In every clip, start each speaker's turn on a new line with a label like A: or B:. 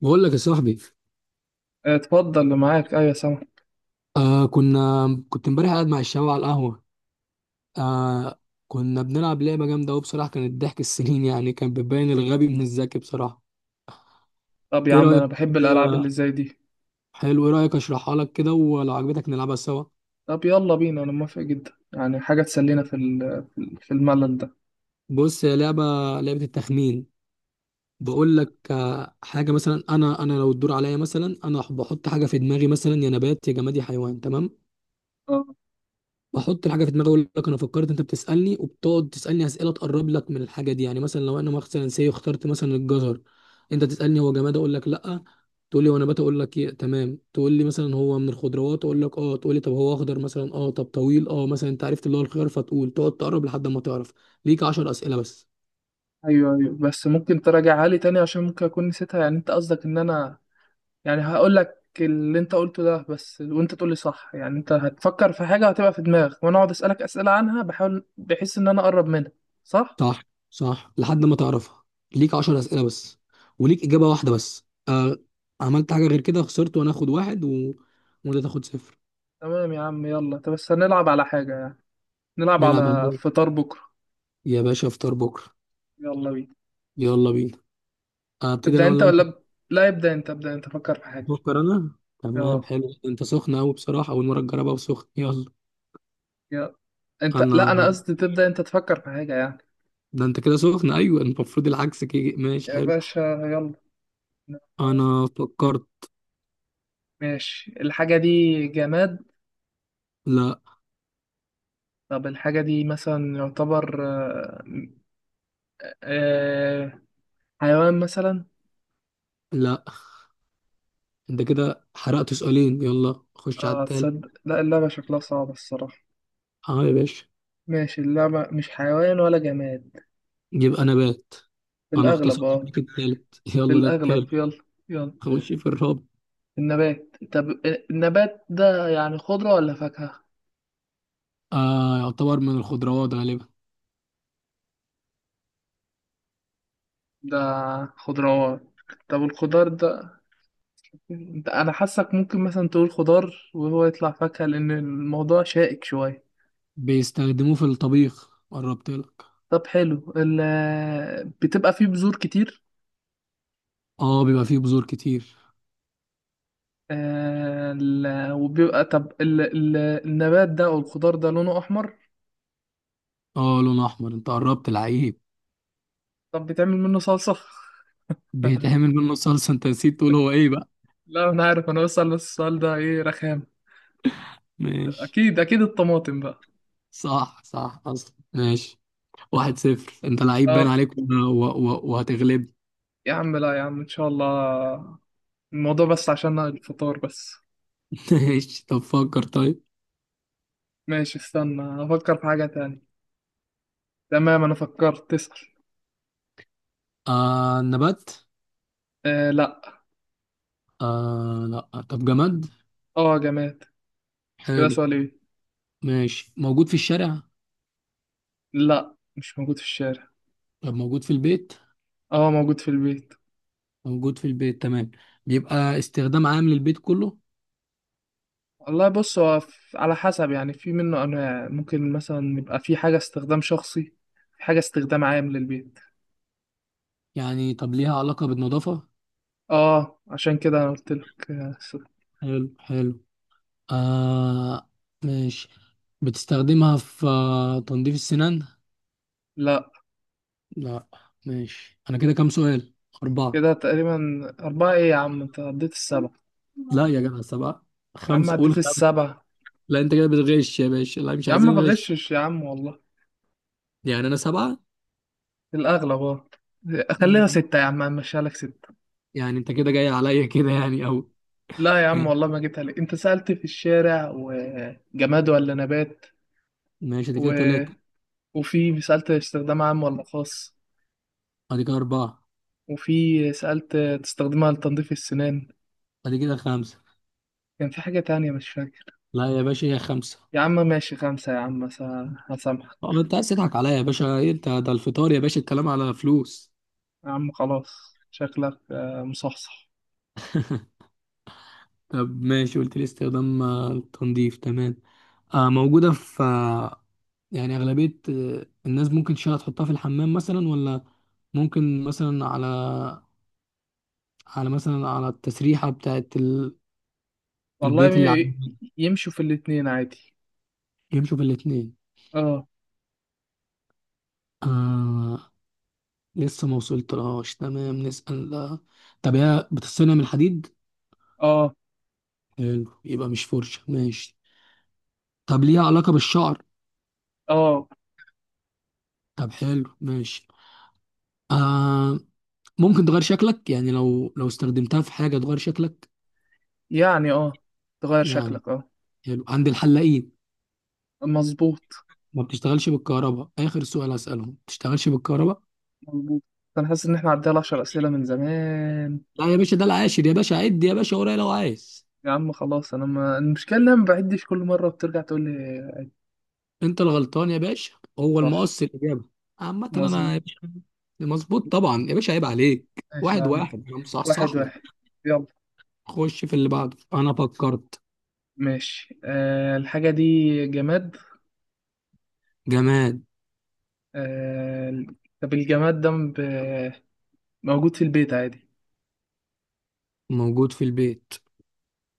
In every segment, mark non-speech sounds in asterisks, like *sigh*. A: بقول لك يا صاحبي.
B: اتفضل، اللي معاك، ايوه سامع.
A: كنا كنت امبارح قاعد مع الشباب على القهوة. آه كنا بنلعب لعبة جامدة أوي بصراحة، كانت ضحك السنين. *laughs* يعني كان بتبين الغبي من الذكي بصراحة.
B: طب يا
A: إيه
B: عم،
A: رأيك؟
B: انا بحب الالعاب اللي زي دي.
A: حلو، إيه رأيك أشرحها لك كده ولو عجبتك نلعبها سوا؟
B: طب يلا بينا، انا موافق جدا، يعني حاجه تسلينا في الملل ده.
A: بص، هي لعبة لعبة التخمين. بقول لك، حاجة مثلا أنا لو الدور عليا، مثلا أنا بحط حاجة في دماغي، مثلا يا نبات يا جماد يا حيوان، تمام؟
B: اه،
A: بحط الحاجه في دماغي، اقول لك انا فكرت، انت بتسالني وبتقعد تسالني اسئله تقرب لك من الحاجه دي. يعني مثلا لو انا مثلا اخترت مثلا الجزر، انت تسالني هو جماد؟ اقول لك لا. تقول لي هو نبات؟ اقول لك إيه؟ تمام. تقول لي مثلا هو من الخضروات؟ اقول لك اه. تقول لي طب هو اخضر مثلا؟ اه. طب طويل؟ اه. مثلا انت عرفت اللي هو الخيار، فتقول تقعد تقرب لحد ما تعرف. ليك 10 اسئله بس.
B: ايوه، ايوه، بس ممكن تراجعها لي تاني، عشان ممكن اكون نسيتها، يعني انت قصدك ان انا يعني هقول لك اللي انت قلته ده بس، وانت تقول لي صح؟ يعني انت هتفكر في حاجه هتبقى في دماغك، وانا اقعد اسالك اسئله عنها، بحاول بحيث ان انا اقرب منها؟ صح.
A: صح، صح لحد ما تعرفها. ليك 10 اسئله بس وليك اجابه واحده بس. عملت حاجه غير كده خسرت، وانا اخد واحد وانت تاخد صفر.
B: تمام يا عم، يلا. طب بس هنلعب على حاجه يعني؟ نلعب
A: نلعب
B: على فطار بكره.
A: يا باشا افطار بكره.
B: يلا بينا.
A: يلا بينا. ابتدي
B: تبدأ
A: انا
B: انت
A: ولا انت؟
B: ولا لا، يبدأ انت ابدأ انت، فكر في حاجة.
A: بفكر انا. تمام،
B: اه.
A: حلو، انت سخن قوي بصراحه، اول مره تجربها وسخن، يلا.
B: يلا. انت، لا،
A: انا،
B: انا قصدي تبدأ انت، تفكر في حاجة يعني.
A: ده انت كده سخن، ايوه المفروض العكس كده، ماشي
B: يا
A: حلو.
B: باشا. يلا.
A: انا فكرت.
B: ماشي، الحاجة دي جماد؟
A: لا.
B: طب الحاجة دي مثلا يعتبر آه، حيوان مثلا؟
A: لا انت كده حرقت سؤالين، يلا خش على
B: اه،
A: التالت.
B: تصدق، لا اللعبة شكلها صعبة الصراحة.
A: اه يا باشا.
B: ماشي، اللعبة مش حيوان ولا جماد؟
A: يبقى نبات.
B: في
A: انا
B: الأغلب
A: اختصرت
B: اه.
A: بيك التالت. *laughs*
B: في
A: يلا ده التالت،
B: الأغلب، يلا. يلا.
A: خش في الرابع.
B: النبات، طب النبات ده يعني خضرة ولا فاكهة؟
A: يعتبر من الخضروات غالبا.
B: ده خضروات؟ طب الخضار ده، ده انا حاسك ممكن مثلا تقول خضار وهو يطلع فاكهة، لان الموضوع شائك شوية.
A: بيستخدموه في الطبيخ، قربت لك.
B: طب حلو، بتبقى فيه بذور كتير؟
A: اه بيبقى فيه بذور كتير.
B: آه، ال... وبيبقى طب النبات ده او الخضار ده لونه احمر؟
A: اه لون احمر، انت قربت العيب.
B: طب بتعمل منه صلصة؟
A: بيتعمل
B: *laughs*
A: منه صلصه، انت نسيت تقول هو ايه بقى.
B: لا انا عارف، انا بسأل السؤال ده، ايه رخام؟
A: ماشي.
B: اكيد، اكيد الطماطم بقى.
A: صح، صح اصلا، ماشي. واحد صفر، انت لعيب باين
B: طب
A: عليك وهتغلب.
B: يا عم، لا يا عم، ان شاء الله، الموضوع بس عشان الفطار بس.
A: *laughs* ماشي طب فكر طيب.
B: ماشي، استنى افكر في حاجة تانية. تمام، انا فكرت، تسأل.
A: نبات؟
B: آه، لا.
A: لا طب جماد.
B: اه، جماد. كده
A: حلو.
B: سؤال ايه؟
A: ماشي، موجود في الشارع؟
B: لا، مش موجود في الشارع.
A: طب موجود في البيت؟
B: اه، موجود في البيت.
A: موجود في البيت تمام. بيبقى استخدام عام للبيت كله؟
B: والله، بص، هو على حسب يعني، في منه انواع، ممكن مثلا يبقى في حاجة استخدام شخصي، في حاجة استخدام عام للبيت.
A: يعني طب ليها علاقة بالنظافة؟
B: اه، عشان كده انا قلت لك.
A: حلو حلو. آه. ماشي. بتستخدمها في تنظيف السنان؟
B: لا.
A: لا. ماشي، انا كده كام سؤال؟ اربعة.
B: كده تقريبا. اربعة ايه يا عم، انت عديت السبعة.
A: لا يا جدع سبعة،
B: يا عم
A: خمسة قول
B: عديت
A: خمسة.
B: السبعة.
A: لا انت كده بتغش يا باشا، لا مش
B: يا عم
A: عايزين
B: ما
A: غش.
B: بغشش يا عم، والله.
A: يعني انا سبعة.
B: الأغلب اه. خليها
A: ماشي.
B: ستة يا عم، همشيها لك ستة.
A: يعني انت كده جاي عليا *laughs* كده يعني. او
B: لا يا عم والله ما جبتها لك، أنت سألت في الشارع وجماد ولا نبات،
A: ماشي، دي
B: و...
A: كده تلاتة،
B: وفي سألت استخدام عام ولا خاص،
A: ادي كده اربعة،
B: وفي سألت تستخدمها لتنظيف السنان،
A: ادي كده خمسة.
B: كان في حاجة تانية مش فاكر.
A: لا يا باشا هي خمسة.
B: يا عم ماشي، خمسة يا عم. هسامحك.
A: اه انت عايز تضحك عليا يا باشا، إيه انت ده الفطار يا باشا، الكلام على فلوس.
B: يا عم خلاص، شكلك مصحصح.
A: طب ماشي، قلت لي استخدام التنظيف، تمام. آه موجودة في آه، يعني أغلبية الناس ممكن تشيلها تحطها في الحمام مثلا، ولا ممكن مثلا على التسريحة بتاعت
B: والله
A: البيت اللي
B: ي-
A: عندنا.
B: يمشوا في الاتنين عادي.
A: يمشوا في الاتنين.
B: اه،
A: آه لسه ما وصلتلهاش، تمام نسأل آه، طب هي بتصنع من الحديد؟
B: اه،
A: حلو يبقى مش فرشة، ماشي. طب ليها علاقة بالشعر؟
B: اه.
A: طب حلو ماشي. آه ممكن تغير شكلك؟ يعني لو استخدمتها في حاجة تغير شكلك
B: يعني اه، تغير
A: يعني.
B: شكلك اه.
A: حلو، عند الحلاقين.
B: مظبوط.
A: ما بتشتغلش بالكهرباء؟ آخر سؤال هسألهم، ما بتشتغلش بالكهرباء.
B: مظبوط. انا حاسس ان احنا عدينا على 10 اسئله من زمان.
A: لا يا باشا ده العاشر يا باشا، عد يا باشا ورايا لو عايز.
B: يا عم خلاص، انا ما المشكله ان انا ما بعدش، كل مره بترجع تقول لي.
A: انت الغلطان يا باشا. هو
B: صح.
A: المقص الإجابة. عامة
B: مظبوط.
A: انا يا باشا. مظبوط طبعا يا باشا، عيب
B: مظبوط،
A: عليك،
B: ماشي يا
A: واحد
B: عم.
A: واحد، انا
B: واحد
A: مصحصح لك.
B: واحد. يلا.
A: خش في اللي بعده، انا فكرت.
B: ماشي، الحاجه دي جماد؟
A: جماد.
B: أه. طب الجماد ده موجود في البيت عادي؟
A: موجود في البيت،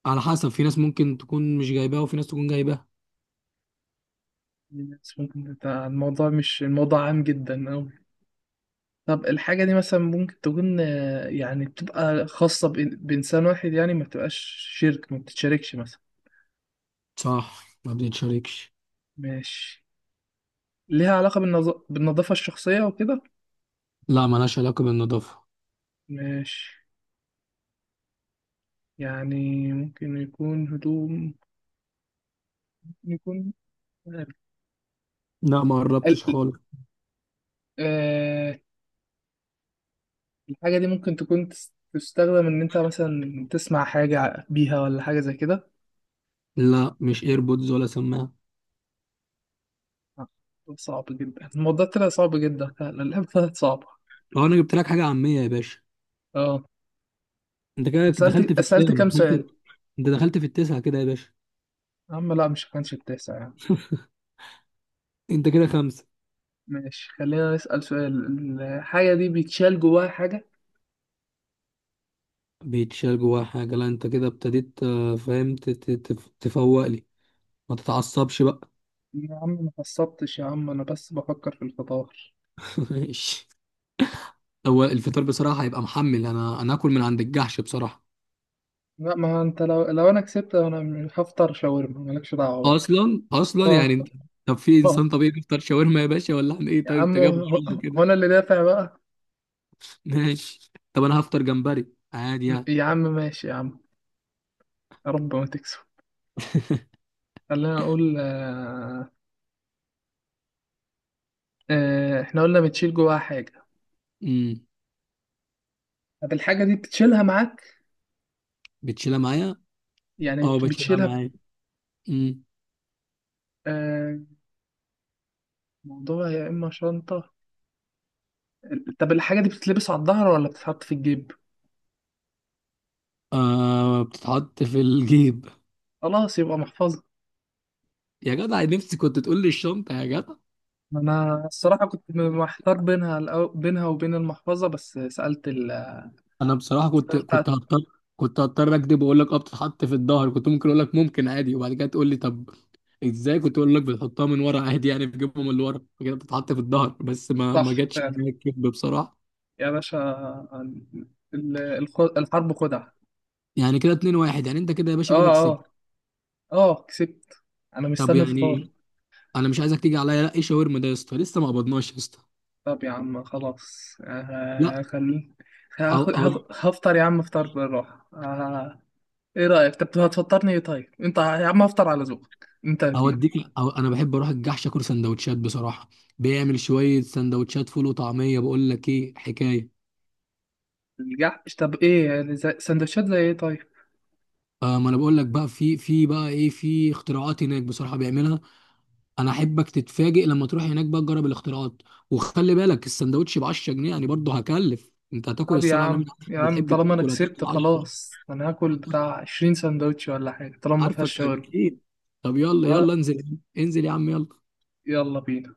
A: على حسب، في ناس ممكن تكون مش جايباه وفي ناس تكون جايباه.
B: الناس ممكن بتاع الموضوع، مش الموضوع عام جدا أوي. طب الحاجة دي مثلا ممكن تكون يعني بتبقى خاصة بإنسان واحد، يعني ما بتبقاش شركة، ما بتتشاركش مثلا.
A: صح ما بتتشاركش.
B: ماشي. ليها علاقة بالنظافة الشخصية وكده؟
A: لا ملهاش علاقة بالنظافة.
B: ماشي. يعني ممكن يكون هدوم؟ ممكن يكون ال...
A: لا ما قربتش
B: ال-
A: خالص.
B: آه... الحاجة دي ممكن تستخدم إن أنت مثلا تسمع حاجة بيها ولا حاجة زي كده؟
A: لا مش ايربودز ولا سماعة.
B: آه، صعب جدا الموضوع، طلع صعب جدا فعلا. *laughs* اللعبة طلعت صعبة.
A: لو انا جبت لك حاجة عامية يا باشا.
B: اه،
A: انت كده دخلت
B: سألت
A: في
B: سألت
A: الكام
B: كام
A: دخلت؟
B: سؤال؟
A: انت دخلت في التسعة كده يا باشا.
B: يا عم لا، مش كانش التاسع يعني.
A: انت كده خمسة.
B: ماشي، خلينا نسأل سؤال، الحاجة دي بيتشال جواها حاجة؟
A: بيتشال جواها حاجة. لا انت كده ابتديت فاهم تفوق لي. ما تتعصبش بقى.
B: يا عم ما قصبتش يا عم، انا بس بفكر في الفطار.
A: *laughs* ماشي. هو الفطار بصراحة هيبقى محمل، انا اكل من عند الجحش بصراحة.
B: لا، ما انت، لو انا كسبت، انا مش هفطر شاورما، مالكش دعوة بقى.
A: اصلا
B: اه،
A: يعني طب في
B: اه.
A: انسان طبيعي بيفطر شاورما يا باشا؟ ولا احنا ايه
B: يا
A: طيب؟ انت
B: عم،
A: جايب
B: هو
A: غرامة
B: هو
A: كده.
B: انا اللي دافع بقى.
A: *laughs* ماشي طب انا هفطر جمبري، عادي يعني.
B: يا عم ماشي يا عم، يا رب ما تكسب. خلينا اقول. احنا قلنا بتشيل جواها حاجة.
A: امم.
B: طب الحاجة دي بتشيلها معاك؟
A: بتشيلها معايا.
B: يعني
A: اه بشيلها
B: بتشيلها.
A: معايا. امم.
B: آه، موضوع يا اما شنطة. طب الحاجة دي بتتلبس على الظهر ولا بتتحط في الجيب؟
A: آه بتتحط في الجيب.
B: خلاص يبقى محفظة.
A: يا جدع نفسي كنت تقول لي الشنطه يا جدع.
B: انا الصراحه كنت محتار بينها، بينها وبين المحفظه، بس سالت
A: انا بصراحه كنت
B: سالت على
A: كنت هضطر، كنت هضطر اكذب واقول لك اه بتتحط في الظهر، كنت ممكن اقول لك ممكن عادي، وبعد كده تقول لي طب ازاي، كنت اقول لك بتحطها من ورا عادي يعني بتجيبها من اللي ورا كده بتتحط في الظهر، بس ما
B: الصح
A: جاتش
B: فعلا
A: معايا الكذب بصراحه.
B: يا باشا. الحرب خدعه.
A: يعني كده 2 1، يعني انت كده يا باشا كده
B: اه،
A: كسبت.
B: اه. اه كسبت. انا
A: طب
B: مستني الفطار.
A: يعني انا مش عايزك تيجي عليا، لا ايه شاورما ده يا اسطى، لسه ما قبضناش يا اسطى.
B: طب يا عم خلاص،
A: لا.
B: خلي.
A: أو أو
B: هفطر يا عم، افطر بالراحه. ايه رايك، طب هتفطرني ايه طيب؟ انت يا عم هفطر على ذوقك، انت هتجيب.
A: اوديك، أو انا بحب اروح الجحش اكل سندوتشات بصراحه، بيعمل شويه سندوتشات فول وطعميه، بقول لك ايه حكايه.
B: الجحش؟ طب ايه يعني، سندوتشات زي ايه طيب؟
A: ما انا بقول لك بقى، في في بقى ايه، في اختراعات هناك بصراحه بيعملها. انا احبك تتفاجئ لما تروح هناك بقى تجرب الاختراعات. وخلي بالك السندوتش ب 10 جنيه، يعني برضه هكلف، انت هتاكل
B: طب يا
A: الصلاه على
B: عم،
A: النبي عارفك
B: يا عم
A: بتحب
B: طالما انا
A: تاكل،
B: كسبت
A: هتاكل 10.
B: خلاص، انا هاكل بتاع 20 سندوتش ولا حاجه، طالما ما فيهاش
A: عارفك
B: شاورما.
A: اكيد. طب يلا يلا
B: ها.
A: انزل انزل يا عم، يلا.
B: يلا بينا.